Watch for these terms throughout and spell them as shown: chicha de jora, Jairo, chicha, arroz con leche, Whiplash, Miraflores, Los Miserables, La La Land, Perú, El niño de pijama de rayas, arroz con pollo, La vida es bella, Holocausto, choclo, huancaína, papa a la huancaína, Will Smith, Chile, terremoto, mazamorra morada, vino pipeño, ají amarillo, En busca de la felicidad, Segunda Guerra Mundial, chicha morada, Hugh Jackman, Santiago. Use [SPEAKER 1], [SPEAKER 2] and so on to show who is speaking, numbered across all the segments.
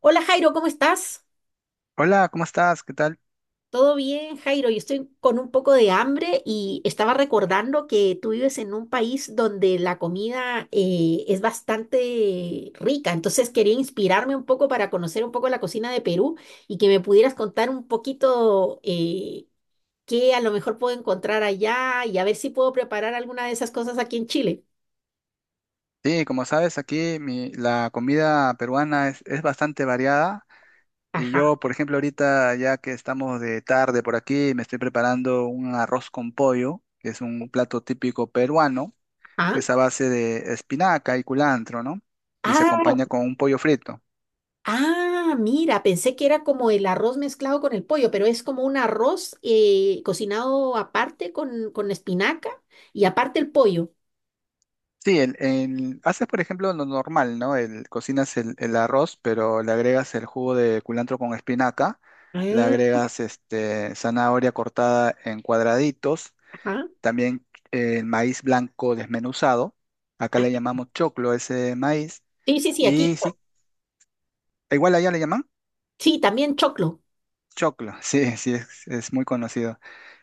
[SPEAKER 1] Hola Jairo, ¿cómo estás?
[SPEAKER 2] Hola, ¿cómo estás? ¿Qué tal?
[SPEAKER 1] ¿Todo bien, Jairo? Yo estoy con un poco de hambre y estaba recordando que tú vives en un país donde la comida es bastante rica, entonces quería inspirarme un poco para conocer un poco la cocina de Perú y que me pudieras contar un poquito qué a lo mejor puedo encontrar allá y a ver si puedo preparar alguna de esas cosas aquí en Chile.
[SPEAKER 2] Sí, como sabes, la comida peruana es bastante variada. Y
[SPEAKER 1] Ajá,
[SPEAKER 2] yo, por ejemplo, ahorita ya que estamos de tarde por aquí, me estoy preparando un arroz con pollo, que es un plato típico peruano.
[SPEAKER 1] ajá.
[SPEAKER 2] Es a base de espinaca y culantro, ¿no? Y se
[SPEAKER 1] Ah,
[SPEAKER 2] acompaña con un pollo frito.
[SPEAKER 1] ah, mira, pensé que era como el arroz mezclado con el pollo, pero es como un arroz cocinado aparte con, espinaca y aparte el pollo.
[SPEAKER 2] Sí, haces por ejemplo lo normal, ¿no? Cocinas el arroz, pero le agregas el jugo de culantro con espinaca, le
[SPEAKER 1] Ah,
[SPEAKER 2] agregas zanahoria cortada en cuadraditos,
[SPEAKER 1] ajá.
[SPEAKER 2] también el maíz blanco desmenuzado, acá
[SPEAKER 1] Ah,
[SPEAKER 2] le llamamos choclo ese maíz,
[SPEAKER 1] sí, sí, sí, aquí.
[SPEAKER 2] y sí, igual allá le llaman
[SPEAKER 1] Sí, también choclo.
[SPEAKER 2] choclo, sí, sí, es muy conocido.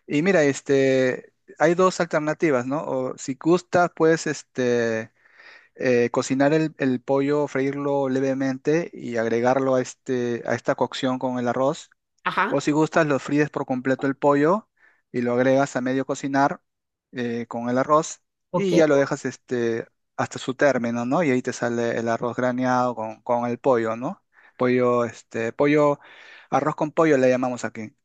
[SPEAKER 2] Y mira, hay dos alternativas, ¿no? O si gustas, puedes este cocinar el pollo, freírlo levemente y agregarlo a, a esta cocción con el arroz.
[SPEAKER 1] Ajá,
[SPEAKER 2] O si gustas, lo fríes por completo el pollo y lo agregas a medio cocinar con el arroz y ya lo
[SPEAKER 1] ok.
[SPEAKER 2] dejas hasta su término, ¿no? Y ahí te sale el arroz graneado con el pollo, ¿no? Pollo, este, pollo, arroz con pollo le llamamos aquí.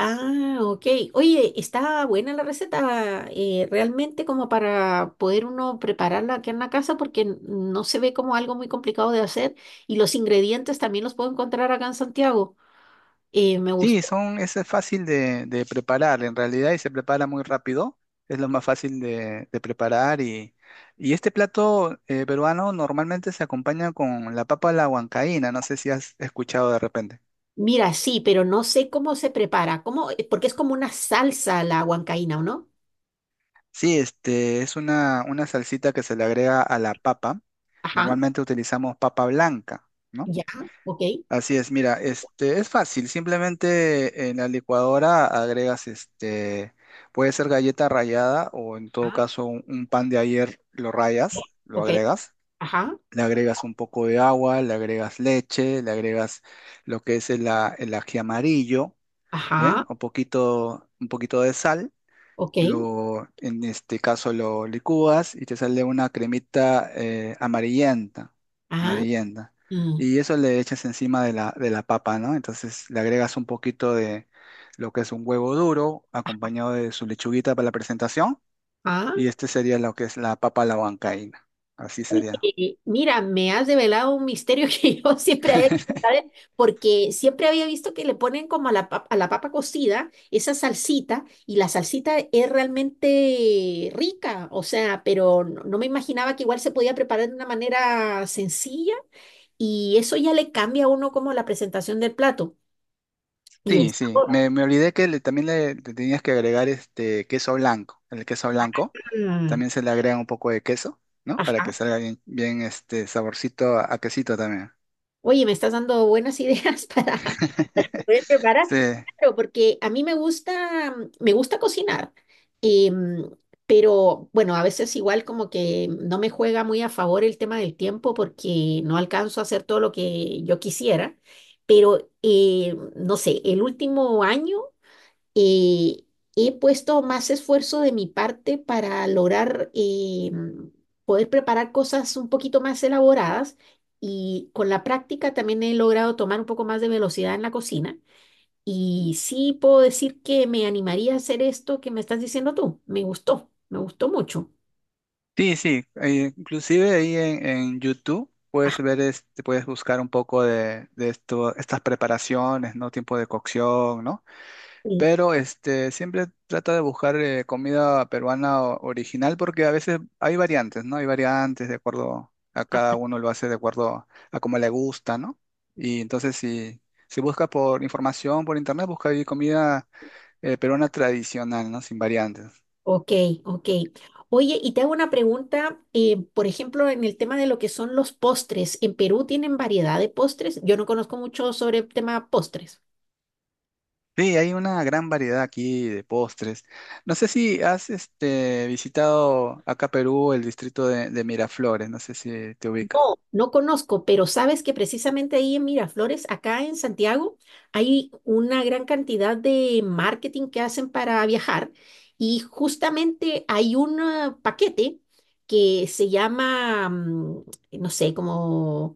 [SPEAKER 1] Ah, ok. Oye, está buena la receta, realmente como para poder uno prepararla aquí en la casa porque no se ve como algo muy complicado de hacer y los ingredientes también los puedo encontrar acá en Santiago. Me
[SPEAKER 2] Sí,
[SPEAKER 1] gustó.
[SPEAKER 2] son, ese es fácil de preparar en realidad y se prepara muy rápido. Es lo más fácil de preparar y este plato peruano normalmente se acompaña con la papa a la huancaína, no sé si has escuchado de repente.
[SPEAKER 1] Mira, sí, pero no sé cómo se prepara, porque es como una salsa la huancaína, ¿o no?
[SPEAKER 2] Sí, este es una salsita que se le agrega a la papa.
[SPEAKER 1] Ajá,
[SPEAKER 2] Normalmente utilizamos papa blanca, ¿no?
[SPEAKER 1] ya, ok,
[SPEAKER 2] Así es, mira, este es fácil, simplemente en la licuadora agregas puede ser galleta rallada o en todo
[SPEAKER 1] ah,
[SPEAKER 2] caso un pan de ayer lo
[SPEAKER 1] eh,
[SPEAKER 2] rayas, lo
[SPEAKER 1] ok,
[SPEAKER 2] agregas,
[SPEAKER 1] ajá,
[SPEAKER 2] le agregas un poco de agua, le agregas leche, le agregas lo que es el ají amarillo,
[SPEAKER 1] ajá,
[SPEAKER 2] ¿bien? Un poquito de sal
[SPEAKER 1] ok,
[SPEAKER 2] lo, en este caso lo licúas y te sale una cremita amarillenta,
[SPEAKER 1] ah,
[SPEAKER 2] amarillenta.
[SPEAKER 1] mm,
[SPEAKER 2] Y eso le echas encima de la papa, ¿no? Entonces le agregas un poquito de lo que es un huevo duro, acompañado de su lechuguita para la presentación.
[SPEAKER 1] ah.
[SPEAKER 2] Y este sería lo que es la papa a la huancaína. Así sería.
[SPEAKER 1] Oye, mira, me has develado un misterio que yo siempre había, ¿sabes? Porque siempre había visto que le ponen como a a la papa cocida esa salsita y la salsita es realmente rica, o sea, pero no me imaginaba que igual se podía preparar de una manera sencilla. Y eso ya le cambia a uno como la presentación del plato y el
[SPEAKER 2] Sí, sí,
[SPEAKER 1] sabor.
[SPEAKER 2] me, me olvidé que también le tenías que agregar este queso blanco. El queso blanco
[SPEAKER 1] Mm,
[SPEAKER 2] también se le agrega un poco de queso, ¿no? Para
[SPEAKER 1] ajá.
[SPEAKER 2] que salga bien, bien este saborcito a quesito también.
[SPEAKER 1] Oye, me estás dando buenas ideas para poder preparar.
[SPEAKER 2] Sí,
[SPEAKER 1] Claro, porque a mí me gusta cocinar, em, pero bueno, a veces igual como que no me juega muy a favor el tema del tiempo porque no alcanzo a hacer todo lo que yo quisiera. Pero no sé, el último año eh, he puesto más esfuerzo de mi parte para lograr poder preparar cosas un poquito más elaboradas y con la práctica también he logrado tomar un poco más de velocidad en la cocina. Y sí puedo decir que me animaría a hacer esto que me estás diciendo tú. Me gustó mucho.
[SPEAKER 2] sí, sí. Inclusive ahí en YouTube puedes
[SPEAKER 1] Ah,
[SPEAKER 2] ver, puedes buscar un poco de esto, estas preparaciones, ¿no? Tiempo de cocción, ¿no?
[SPEAKER 1] sí.
[SPEAKER 2] Pero siempre trata de buscar comida peruana original porque a veces hay variantes, ¿no? Hay variantes de acuerdo a cada uno lo hace de acuerdo a cómo le gusta, ¿no? Y entonces si, si busca por información por internet, busca ahí comida peruana tradicional, ¿no? Sin variantes.
[SPEAKER 1] Ok, ok. Oye, y te hago una pregunta, por ejemplo, en el tema de lo que son los postres, ¿en Perú tienen variedad de postres? Yo no conozco mucho sobre el tema postres.
[SPEAKER 2] Sí, hay una gran variedad aquí de postres. No sé si has visitado acá Perú el distrito de Miraflores, no sé si te ubicas.
[SPEAKER 1] No, no conozco, pero sabes que precisamente ahí en Miraflores, acá en Santiago, hay una gran cantidad de marketing que hacen para viajar y justamente hay un paquete que se llama, no sé, como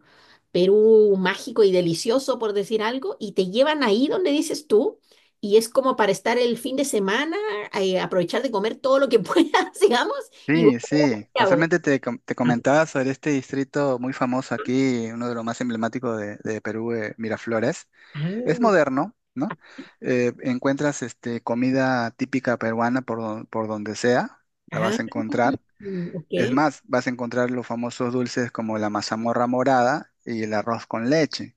[SPEAKER 1] Perú mágico y delicioso, por decir algo, y te llevan ahí donde dices tú. Y es como para estar el fin de semana, aprovechar de comer todo lo que puedas, digamos, y volver
[SPEAKER 2] Sí,
[SPEAKER 1] a
[SPEAKER 2] sí.
[SPEAKER 1] Santiago.
[SPEAKER 2] Casualmente te comentaba sobre este distrito muy famoso aquí, uno de los más emblemáticos de Perú, Miraflores. Es
[SPEAKER 1] Ah,
[SPEAKER 2] moderno, ¿no? Encuentras comida típica peruana por donde sea, la
[SPEAKER 1] ah,
[SPEAKER 2] vas a encontrar.
[SPEAKER 1] mm, ok.
[SPEAKER 2] Es más, vas a encontrar los famosos dulces como la mazamorra morada y el arroz con leche.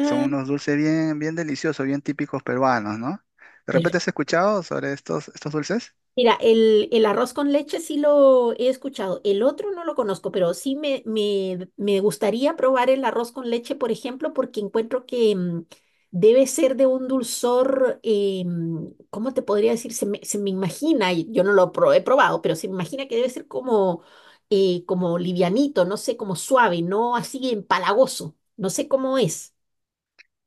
[SPEAKER 2] Son unos dulces bien, bien deliciosos, bien típicos peruanos, ¿no? ¿De repente
[SPEAKER 1] perfecto.
[SPEAKER 2] has escuchado sobre estos, estos dulces?
[SPEAKER 1] Mira, el arroz con leche sí lo he escuchado. El otro no lo conozco, pero sí me gustaría probar el arroz con leche, por ejemplo, porque encuentro que debe ser de un dulzor, ¿cómo te podría decir? Se me imagina, y yo no lo he probado, pero se me imagina que debe ser como, como livianito, no sé, como suave, no así empalagoso. No sé cómo es.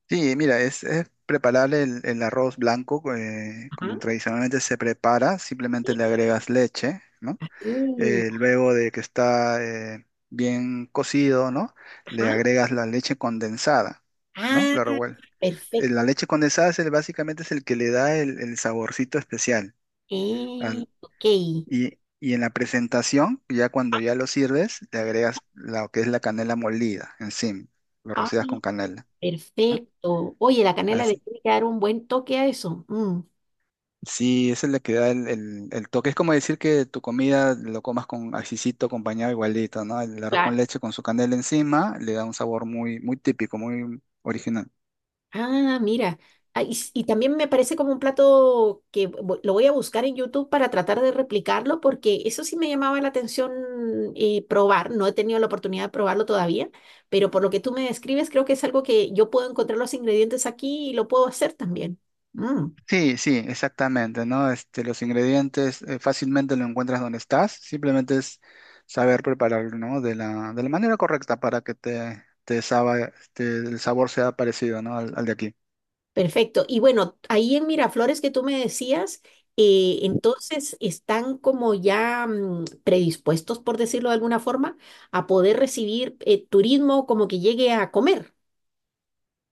[SPEAKER 2] Sí, mira, es preparable el arroz blanco como
[SPEAKER 1] Ajá.
[SPEAKER 2] tradicionalmente se prepara, simplemente le agregas leche, ¿no?
[SPEAKER 1] Mm,
[SPEAKER 2] Luego de que está bien cocido, ¿no?
[SPEAKER 1] ajá.
[SPEAKER 2] Le agregas la leche condensada, ¿no?
[SPEAKER 1] Ah, perfecto.
[SPEAKER 2] La leche condensada básicamente es el que le da el saborcito especial. al-
[SPEAKER 1] Ok.
[SPEAKER 2] y, y en la presentación, ya cuando ya lo sirves, le agregas lo que es la canela molida encima, lo
[SPEAKER 1] Ah,
[SPEAKER 2] rocias con canela. ¿No?
[SPEAKER 1] perfecto. Oye, la canela le
[SPEAKER 2] Así-
[SPEAKER 1] tiene que dar un buen toque a eso. Mm.
[SPEAKER 2] Sí, esa es la que da el toque. Es como decir que tu comida lo comas con ajicito, acompañado igualito, ¿no? El arroz
[SPEAKER 1] Claro.
[SPEAKER 2] con leche con su canela encima le da un sabor muy, muy típico, muy original.
[SPEAKER 1] Ah, mira. Ah, y también me parece como un plato que lo voy a buscar en YouTube para tratar de replicarlo, porque eso sí me llamaba la atención probar. No he tenido la oportunidad de probarlo todavía, pero por lo que tú me describes, creo que es algo que yo puedo encontrar los ingredientes aquí y lo puedo hacer también. Mm.
[SPEAKER 2] Sí, sí, exactamente, ¿no? Este, los ingredientes fácilmente lo encuentras donde estás. Simplemente es saber prepararlo, ¿no? De la manera correcta para que el sabor sea parecido, ¿no? Al, al de aquí.
[SPEAKER 1] Perfecto. Y bueno, ahí en Miraflores que tú me decías, entonces están como ya predispuestos, por decirlo de alguna forma, a poder recibir turismo como que llegue a comer.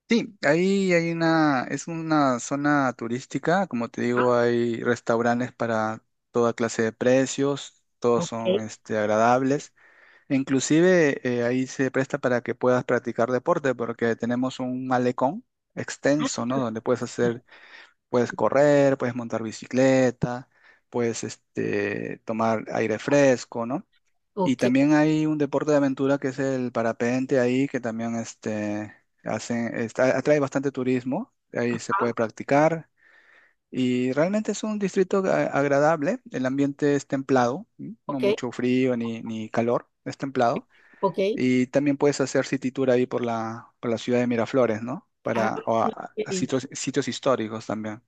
[SPEAKER 2] Sí, ahí hay una, es una zona turística, como te
[SPEAKER 1] Ah,
[SPEAKER 2] digo, hay restaurantes para toda clase de precios, todos son
[SPEAKER 1] ok.
[SPEAKER 2] agradables, e inclusive ahí se presta para que puedas practicar deporte, porque tenemos un malecón
[SPEAKER 1] Ah,
[SPEAKER 2] extenso, ¿no? Donde puedes hacer, puedes correr, puedes montar bicicleta, puedes tomar aire fresco, ¿no? Y
[SPEAKER 1] ok. Ok.
[SPEAKER 2] también hay un deporte de aventura que es el parapente ahí, que también atrae bastante turismo, ahí se
[SPEAKER 1] Ah,
[SPEAKER 2] puede practicar. Y realmente es un distrito agradable, el ambiente es templado, ¿m? No
[SPEAKER 1] ok.
[SPEAKER 2] mucho frío ni, ni calor, es templado.
[SPEAKER 1] Ok.
[SPEAKER 2] Y también puedes hacer city tour ahí por la ciudad de Miraflores, ¿no?
[SPEAKER 1] Ah,
[SPEAKER 2] Para, o a
[SPEAKER 1] ok.
[SPEAKER 2] sitios, sitios históricos también.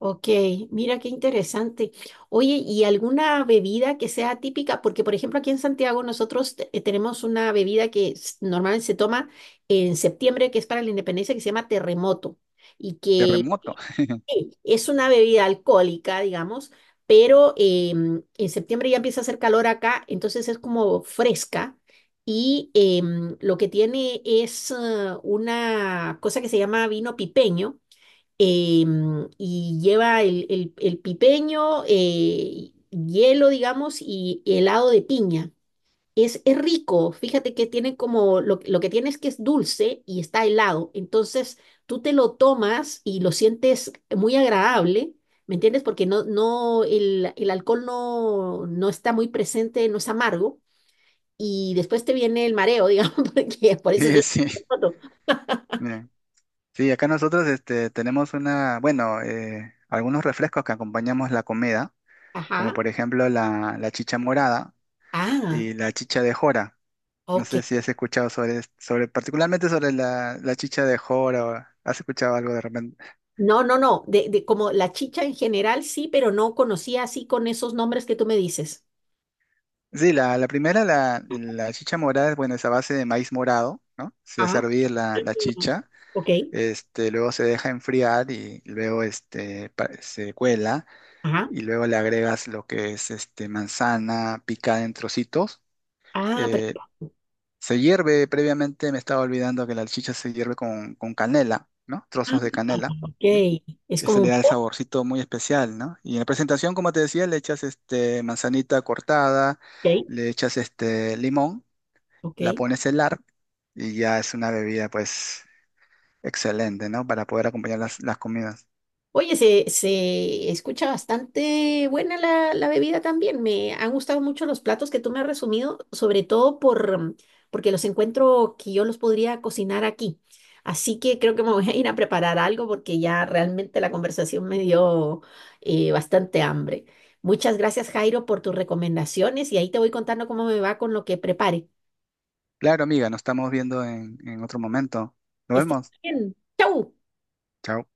[SPEAKER 1] Ok, mira qué interesante. Oye, ¿y alguna bebida que sea típica? Porque, por ejemplo, aquí en Santiago nosotros tenemos una bebida que normalmente se toma en septiembre, que es para la independencia, que se llama terremoto, y que
[SPEAKER 2] Terremoto.
[SPEAKER 1] es una bebida alcohólica, digamos, pero en septiembre ya empieza a hacer calor acá, entonces es como fresca. Y lo que tiene es una cosa que se llama vino pipeño y lleva el pipeño, hielo, digamos, y helado de piña. Es rico, fíjate que tiene como lo que tiene es que es dulce y está helado. Entonces tú te lo tomas y lo sientes muy agradable, ¿me entiendes? Porque no, no, el alcohol no, no está muy presente, no es amargo. Y después te viene el mareo, digamos, porque por eso sí.
[SPEAKER 2] Sí, sí. Sí, acá nosotros tenemos una, bueno, algunos refrescos que acompañamos la comida, como
[SPEAKER 1] Ajá.
[SPEAKER 2] por ejemplo la, la chicha morada
[SPEAKER 1] Ah,
[SPEAKER 2] y la chicha de jora. No sé
[SPEAKER 1] ok.
[SPEAKER 2] si has escuchado sobre particularmente sobre la, la chicha de jora, o has escuchado algo de repente.
[SPEAKER 1] No, no, no, de como la chicha en general sí, pero no conocía así con esos nombres que tú me dices.
[SPEAKER 2] Sí, la primera, la chicha morada, es, bueno, es a base de maíz morado, ¿no? Se hace
[SPEAKER 1] Ah,
[SPEAKER 2] hervir la, la
[SPEAKER 1] mm.
[SPEAKER 2] chicha,
[SPEAKER 1] Ok,
[SPEAKER 2] luego se deja enfriar y luego se cuela.
[SPEAKER 1] ajá.
[SPEAKER 2] Y luego le agregas lo que es este manzana picada en trocitos.
[SPEAKER 1] Ah, pero,
[SPEAKER 2] Eh, Se hierve previamente, me estaba olvidando que la salchicha se hierve con canela, ¿no?
[SPEAKER 1] ah,
[SPEAKER 2] Trozos de canela.
[SPEAKER 1] ok,
[SPEAKER 2] ¿M?
[SPEAKER 1] es
[SPEAKER 2] Ese
[SPEAKER 1] como
[SPEAKER 2] le
[SPEAKER 1] un
[SPEAKER 2] da el saborcito muy especial, ¿no? Y en la presentación, como te decía, le echas este manzanita cortada,
[SPEAKER 1] ok,
[SPEAKER 2] le echas este limón,
[SPEAKER 1] ok.
[SPEAKER 2] la pones a helar y ya es una bebida pues excelente, ¿no? Para poder acompañar las comidas.
[SPEAKER 1] Oye, se escucha bastante buena la bebida también. Me han gustado mucho los platos que tú me has resumido, sobre todo porque los encuentro que yo los podría cocinar aquí. Así que creo que me voy a ir a preparar algo porque ya realmente la conversación me dio bastante hambre. Muchas gracias, Jairo, por tus recomendaciones y ahí te voy contando cómo me va con lo que prepare.
[SPEAKER 2] Claro, amiga, nos estamos viendo en otro momento.
[SPEAKER 1] Que
[SPEAKER 2] Nos
[SPEAKER 1] estés
[SPEAKER 2] vemos.
[SPEAKER 1] bien. ¡Chau!
[SPEAKER 2] Chao.